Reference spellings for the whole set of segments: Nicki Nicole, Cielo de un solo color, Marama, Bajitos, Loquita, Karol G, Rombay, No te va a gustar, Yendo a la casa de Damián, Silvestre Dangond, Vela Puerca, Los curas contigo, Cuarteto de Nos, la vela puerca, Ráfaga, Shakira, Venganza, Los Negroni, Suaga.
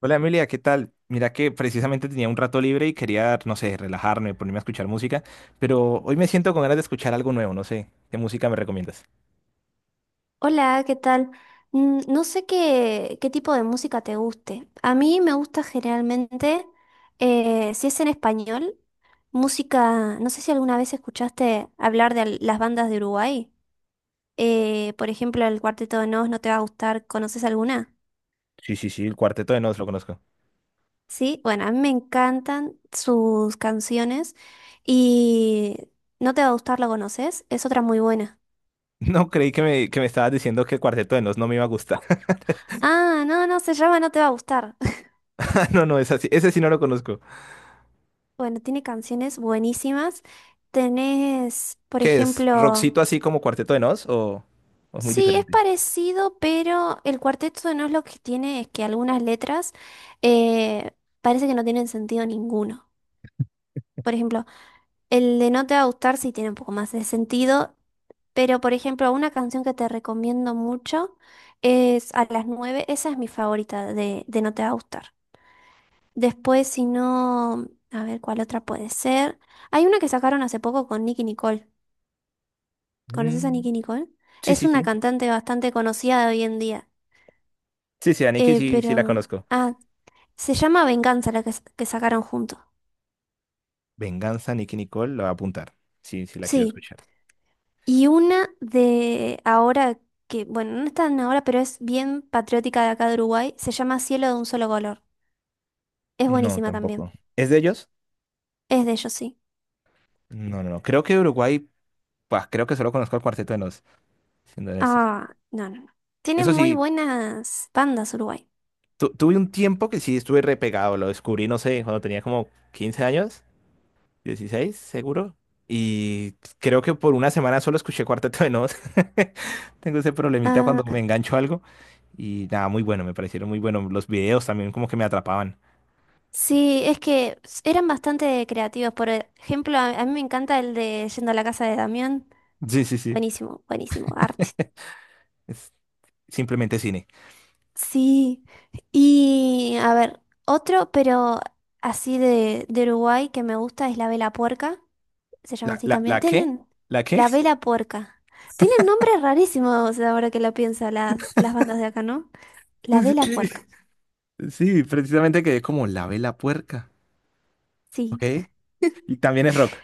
Hola Emilia, ¿qué tal? Mira que precisamente tenía un rato libre y quería, no sé, relajarme, ponerme a escuchar música, pero hoy me siento con ganas de escuchar algo nuevo, no sé, ¿qué música me recomiendas? Hola, ¿qué tal? No sé qué tipo de música te guste. A mí me gusta generalmente, si es en español, música, no sé si alguna vez escuchaste hablar de las bandas de Uruguay. Por ejemplo, el Cuarteto de Nos, ¿no te va a gustar? ¿Conoces alguna? Sí, sí, sí, el Cuarteto de Nos lo conozco. Sí, bueno, a mí me encantan sus canciones y ¿no te va a gustar? ¿La conoces? Es otra muy buena. No creí que que me estabas diciendo que el Cuarteto de Nos no me iba a gustar. Ah, no, no, se llama No te va a gustar. No, no, es así, ese sí no lo conozco. Bueno, tiene canciones buenísimas. Tenés, por ¿Qué es? ejemplo, ¿Rockcito así como Cuarteto de Nos o es muy sí, es diferente? parecido, pero el Cuarteto no, es lo que tiene es que algunas letras eh, parece que no tienen sentido ninguno. Por ejemplo, el de No te va a gustar sí tiene un poco más de sentido, pero por ejemplo, una canción que te recomiendo mucho es A las 9, esa es mi favorita de No te va a gustar. Después, si no, a ver cuál otra puede ser. Hay una que sacaron hace poco con Nicki Nicole. ¿Conoces a Mm, Nicki Nicole? sí, Es sí, una sí. cantante bastante conocida de hoy en día. Sí, sí, a Nicki sí, sí la Pero. conozco. Ah, se llama Venganza la que sacaron juntos. Venganza, Nicki Nicole, la voy a apuntar. Sí, sí la quiero Sí. escuchar. Y una de ahora, que, bueno, no es tan ahora, pero es bien patriótica de acá de Uruguay, se llama Cielo de un solo color. Es No, buenísima tampoco. también. ¿Es de ellos? Es de ellos, sí. No, no, no. Creo que Uruguay, pues creo que solo conozco el Cuarteto de Nos, siendo honestos. Ah, no, no, no. Tienen Eso muy sí, buenas bandas Uruguay. Tuve un tiempo que sí estuve repegado, lo descubrí, no sé, cuando tenía como 15 años, 16, seguro. Y creo que por una semana solo escuché Cuarteto de Nos. Tengo ese problemita cuando Ah, me engancho a algo. Y nada, muy bueno, me parecieron muy buenos. Los videos también como que me atrapaban. sí, es que eran bastante creativos. Por ejemplo, a mí me encanta el de Yendo a la casa de Damián. Sí, sí, sí. Buenísimo, buenísimo, arte. Es simplemente cine. Sí, y a ver, otro, pero así de Uruguay que me gusta es la vela puerca, se llama ¿La, así la, también. la qué? Tienen ¿La qué? la vela puerca. Tienen nombres rarísimos ahora que lo pienso las bandas de acá, ¿no? La Sí, sí, vela sí. puerca, Sí, precisamente quedé como la vela puerca. Ok. sí. Y también es rock.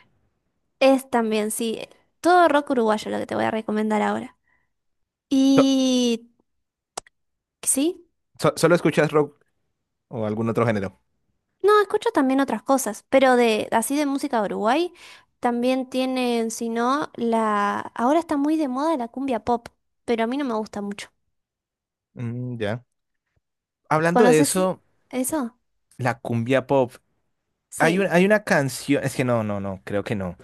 Es también, sí. Todo rock uruguayo lo que te voy a recomendar ahora. So- Y sí. ¿Solo escuchas rock o algún otro género? No, escucho también otras cosas, pero de así de música de Uruguay también tienen, si no, la ahora está muy de moda la cumbia pop, pero a mí no me gusta mucho. Mm, ya. Hablando de ¿Conoces eso, eso? la cumbia pop. Sí. Hay una canción, es que no, creo que no.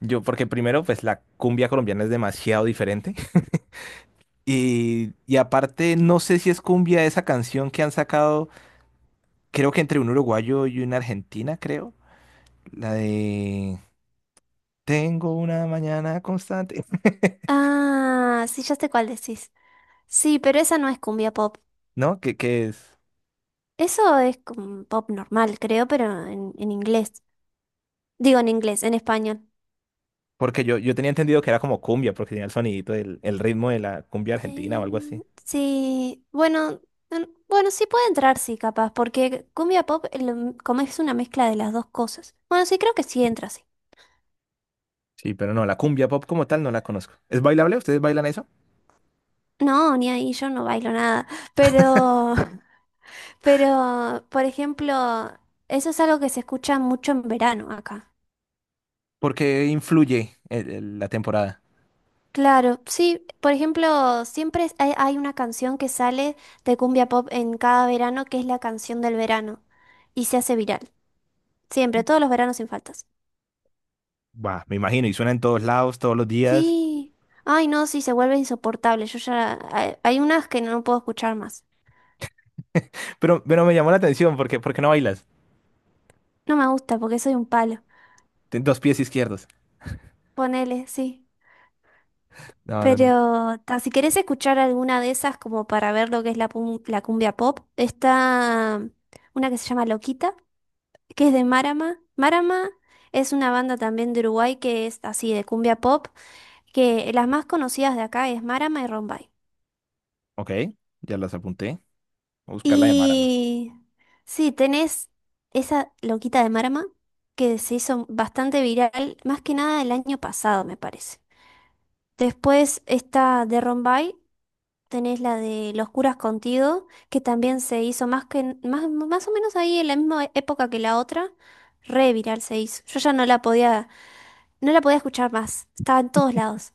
Yo, porque primero, pues la cumbia colombiana es demasiado diferente. Y aparte, no sé si es cumbia esa canción que han sacado, creo que entre un uruguayo y una argentina, creo. La de Tengo una mañana constante. Ah, sí, ya sé cuál decís. Sí, pero esa no es cumbia pop. ¿No? ¿Qué es? Eso es como pop normal, creo, pero en inglés. Digo en inglés, en español. Porque yo tenía entendido que era como cumbia, porque tenía el sonidito del el ritmo de la cumbia argentina o algo así. Sí, bueno, mm, bueno, sí puede entrar, sí, capaz, porque cumbia pop, como es una mezcla de las dos cosas. Bueno, sí, creo que sí entra, sí. Sí, pero no, la cumbia pop como tal no la conozco. ¿Es bailable? ¿Ustedes bailan eso? No, ni ahí, yo no bailo nada, pero, pero, por ejemplo, eso es algo que se escucha mucho en verano acá. Porque influye la temporada. Claro, sí, por ejemplo, siempre hay, hay una canción que sale de cumbia pop en cada verano, que es la canción del verano, y se hace viral, siempre, todos los veranos sin faltas. Bah, me imagino, y suena en todos lados, todos los días. Sí. Ay, no, sí, se vuelve insoportable. Yo ya. Hay unas que no puedo escuchar más. Pero me llamó la atención, porque, ¿por qué no bailas? No me gusta porque soy un palo. Ten dos pies izquierdos. Ponele, sí. No, no, no. Pero ta, si querés escuchar alguna de esas como para ver lo que es la cumbia pop, está una que se llama Loquita, que es de Marama. Marama es una banda también de Uruguay que es así de cumbia pop, que las más conocidas de acá es Marama y Rombay. Ok, ya las apunté. Voy a buscar la de Mara. Y sí, tenés esa loquita de Marama que se hizo bastante viral, más que nada el año pasado, me parece. Después está de Rombay, tenés la de Los curas contigo, que también se hizo más, más o menos ahí en la misma época que la otra, re viral se hizo. Yo ya no la podía, no la podía escuchar más, estaba en todos lados.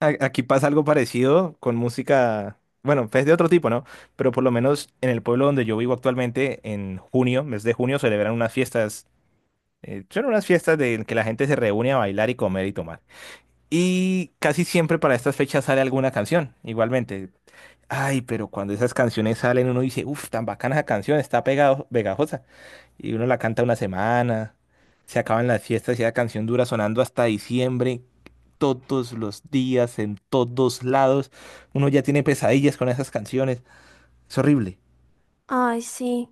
Aquí pasa algo parecido con música, bueno, es de otro tipo, ¿no? Pero por lo menos en el pueblo donde yo vivo actualmente, en junio, mes de junio, celebran unas fiestas, son unas fiestas de que la gente se reúne a bailar y comer y tomar. Y casi siempre para estas fechas sale alguna canción, igualmente. Ay, pero cuando esas canciones salen uno dice, uff, tan bacana esa canción, está pegado, pegajosa y uno la canta una semana, se acaban las fiestas y la canción dura sonando hasta diciembre, todos los días, en todos lados. Uno ya tiene pesadillas con esas canciones. Es horrible. Ay, sí,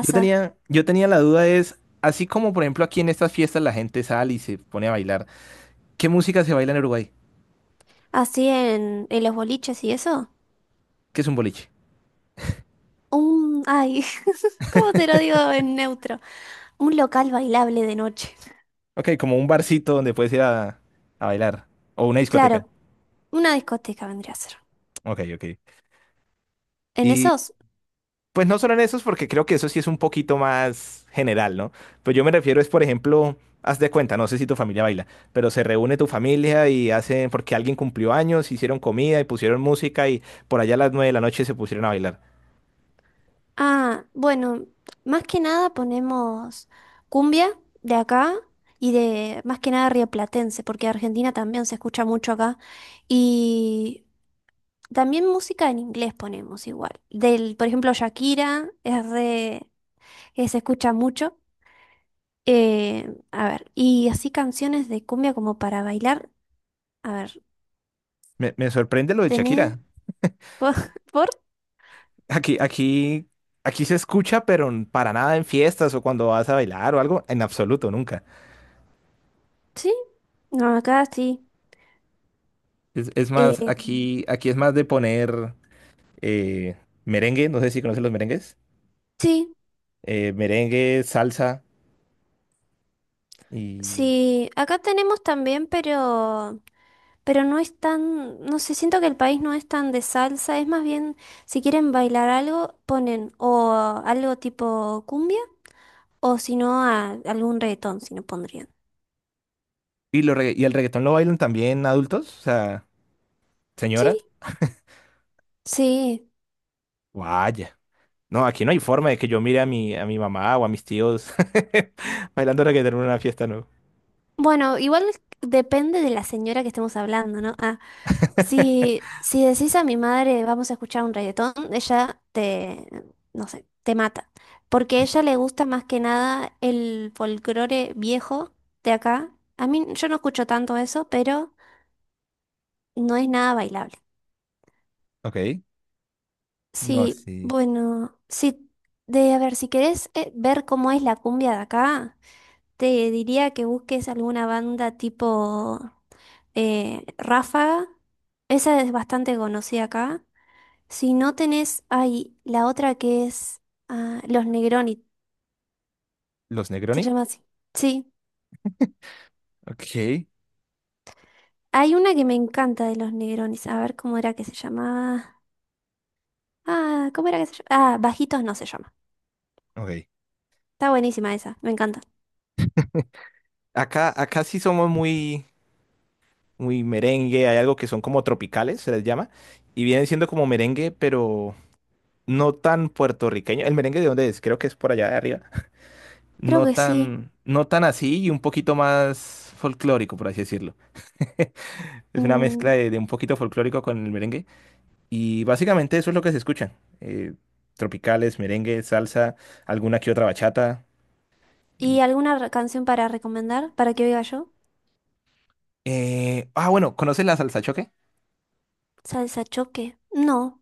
Yo tenía, yo tenía la duda es, así como por ejemplo aquí en estas fiestas la gente sale y se pone a bailar, ¿qué música se baila en Uruguay? Así en los boliches y eso. ¿Qué es un boliche? Un, ay, ¿cómo te lo digo en neutro? Un local bailable de noche. Ok, como un barcito donde puedes ir a bailar. O una discoteca. Claro, una discoteca vendría a ser. Ok, ok. En Y esos, pues no solo en esos, porque creo que eso sí es un poquito más general, ¿no? Pero yo me refiero es, por ejemplo, haz de cuenta, no sé si tu familia baila, pero se reúne tu familia y hacen, porque alguien cumplió años, hicieron comida y pusieron música y por allá a las nueve de la noche se pusieron a bailar. ah, bueno, más que nada ponemos cumbia de acá y de más que nada rioplatense, porque Argentina también se escucha mucho acá. Y también música en inglés ponemos igual. Del, por ejemplo, Shakira es re, que se escucha mucho. A ver, y así canciones de cumbia como para bailar. A ver, Me sorprende lo de ¿tenés? Shakira. ¿Por? por- Aquí, aquí, aquí se escucha, pero para nada en fiestas o cuando vas a bailar o algo, en absoluto, nunca. ¿Sí? No, acá sí. Es más, Eh, aquí es más de poner eh, merengue, no sé si conoces los merengues, sí, merengue, salsa. Y, sí. Acá tenemos también, pero no es tan, no sé, siento que el país no es tan de salsa, es más bien, si quieren bailar algo, ponen o algo tipo cumbia, o si no, algún reggaetón, si no pondrían. y, y el reggaetón lo bailan también adultos, o sea, señoras. Sí, sí. Vaya. No, aquí no hay forma de que yo mire a mi mamá o a mis tíos bailando reggaetón en una fiesta, ¿no? Bueno, igual depende de la señora que estemos hablando, ¿no? Ah, si, si decís a mi madre, vamos a escuchar un reggaetón, ella te, no sé, te mata. Porque a ella le gusta más que nada el folclore viejo de acá. A mí, yo no escucho tanto eso, pero no es nada bailable. Ok. No, Sí, sí. bueno, sí, de a ver, si querés ver cómo es la cumbia de acá, te diría que busques alguna banda tipo Ráfaga. Esa es bastante conocida acá. Si no tenés, hay la otra que es ah, Los Negroni, ¿Los se Negroni? llama así. Sí, Ok, hay una que me encanta de Los Negronis. A ver cómo era que se llamaba. Ah, ¿cómo era que se llamaba? Ah, Bajitos no se llama. ok. Está buenísima esa, me encanta. Acá, acá sí somos muy, muy merengue, hay algo que son como tropicales, se les llama, y vienen siendo como merengue, pero no tan puertorriqueño. ¿El merengue de dónde es? Creo que es por allá de arriba. Creo No que sí. tan, no tan así y un poquito más folclórico, por así decirlo. Es una Mm, mezcla de un poquito folclórico con el merengue. Y básicamente eso es lo que se escucha. eh, Tropicales, merengue, salsa, alguna que otra bachata. ¿Y y- alguna canción para recomendar para que oiga yo? Bueno, ¿conoces la salsa choque? Salsa choque. No,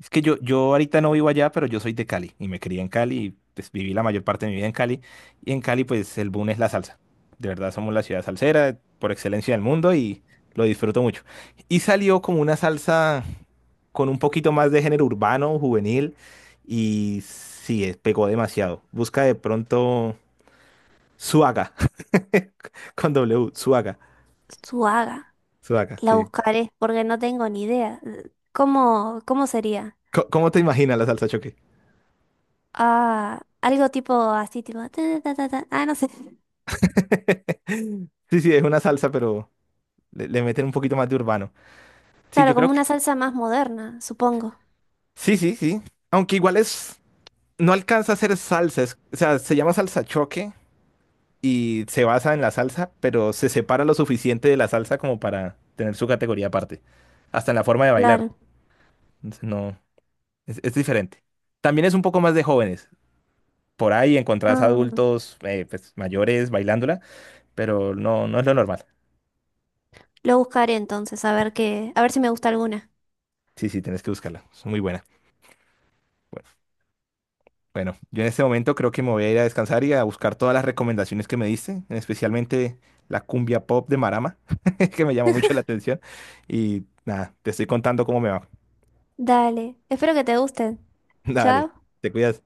Es que yo ahorita no vivo allá, pero yo soy de Cali y me crié en Cali y pues viví la mayor parte de mi vida en Cali. Y en Cali pues el boom es la salsa. De verdad somos la ciudad salsera por excelencia del mundo y lo disfruto mucho. Y salió como una salsa con un poquito más de género urbano, juvenil, y sí, pegó demasiado. Busca de pronto Suaga, con W, Suaga, Suaga. Suaga, La sí. buscaré porque no tengo ni idea. ¿Cómo sería? ¿Cómo te imaginas la salsa choque? Ah, algo tipo así, tipo... ta, ta, ta, ta. Ah, no sé. Sí, sí, es una salsa, pero le meten un poquito más de urbano. Sí, yo Claro, creo como que... una salsa más moderna, supongo. Sí, sí, sí. Aunque igual es... No alcanza a ser salsa, o sea, se llama salsa choque y se basa en la salsa, pero se separa lo suficiente de la salsa como para tener su categoría aparte, hasta en la forma de bailar. Claro. Entonces, no, es diferente. También es un poco más de jóvenes. Por ahí encontrás Ah, adultos pues, mayores bailándola, pero no, no es lo normal. lo buscaré entonces, a ver qué, a ver si me gusta alguna. Sí, sí, tienes que buscarla. Es muy buena. Bueno, bueno, yo en este momento creo que me voy a ir a descansar y a buscar todas las recomendaciones que me diste, especialmente la cumbia pop de Marama, que me llamó mucho la atención. Y nada, te estoy contando cómo me va. Dale, espero que te gusten. Dale, Chao. te cuidas.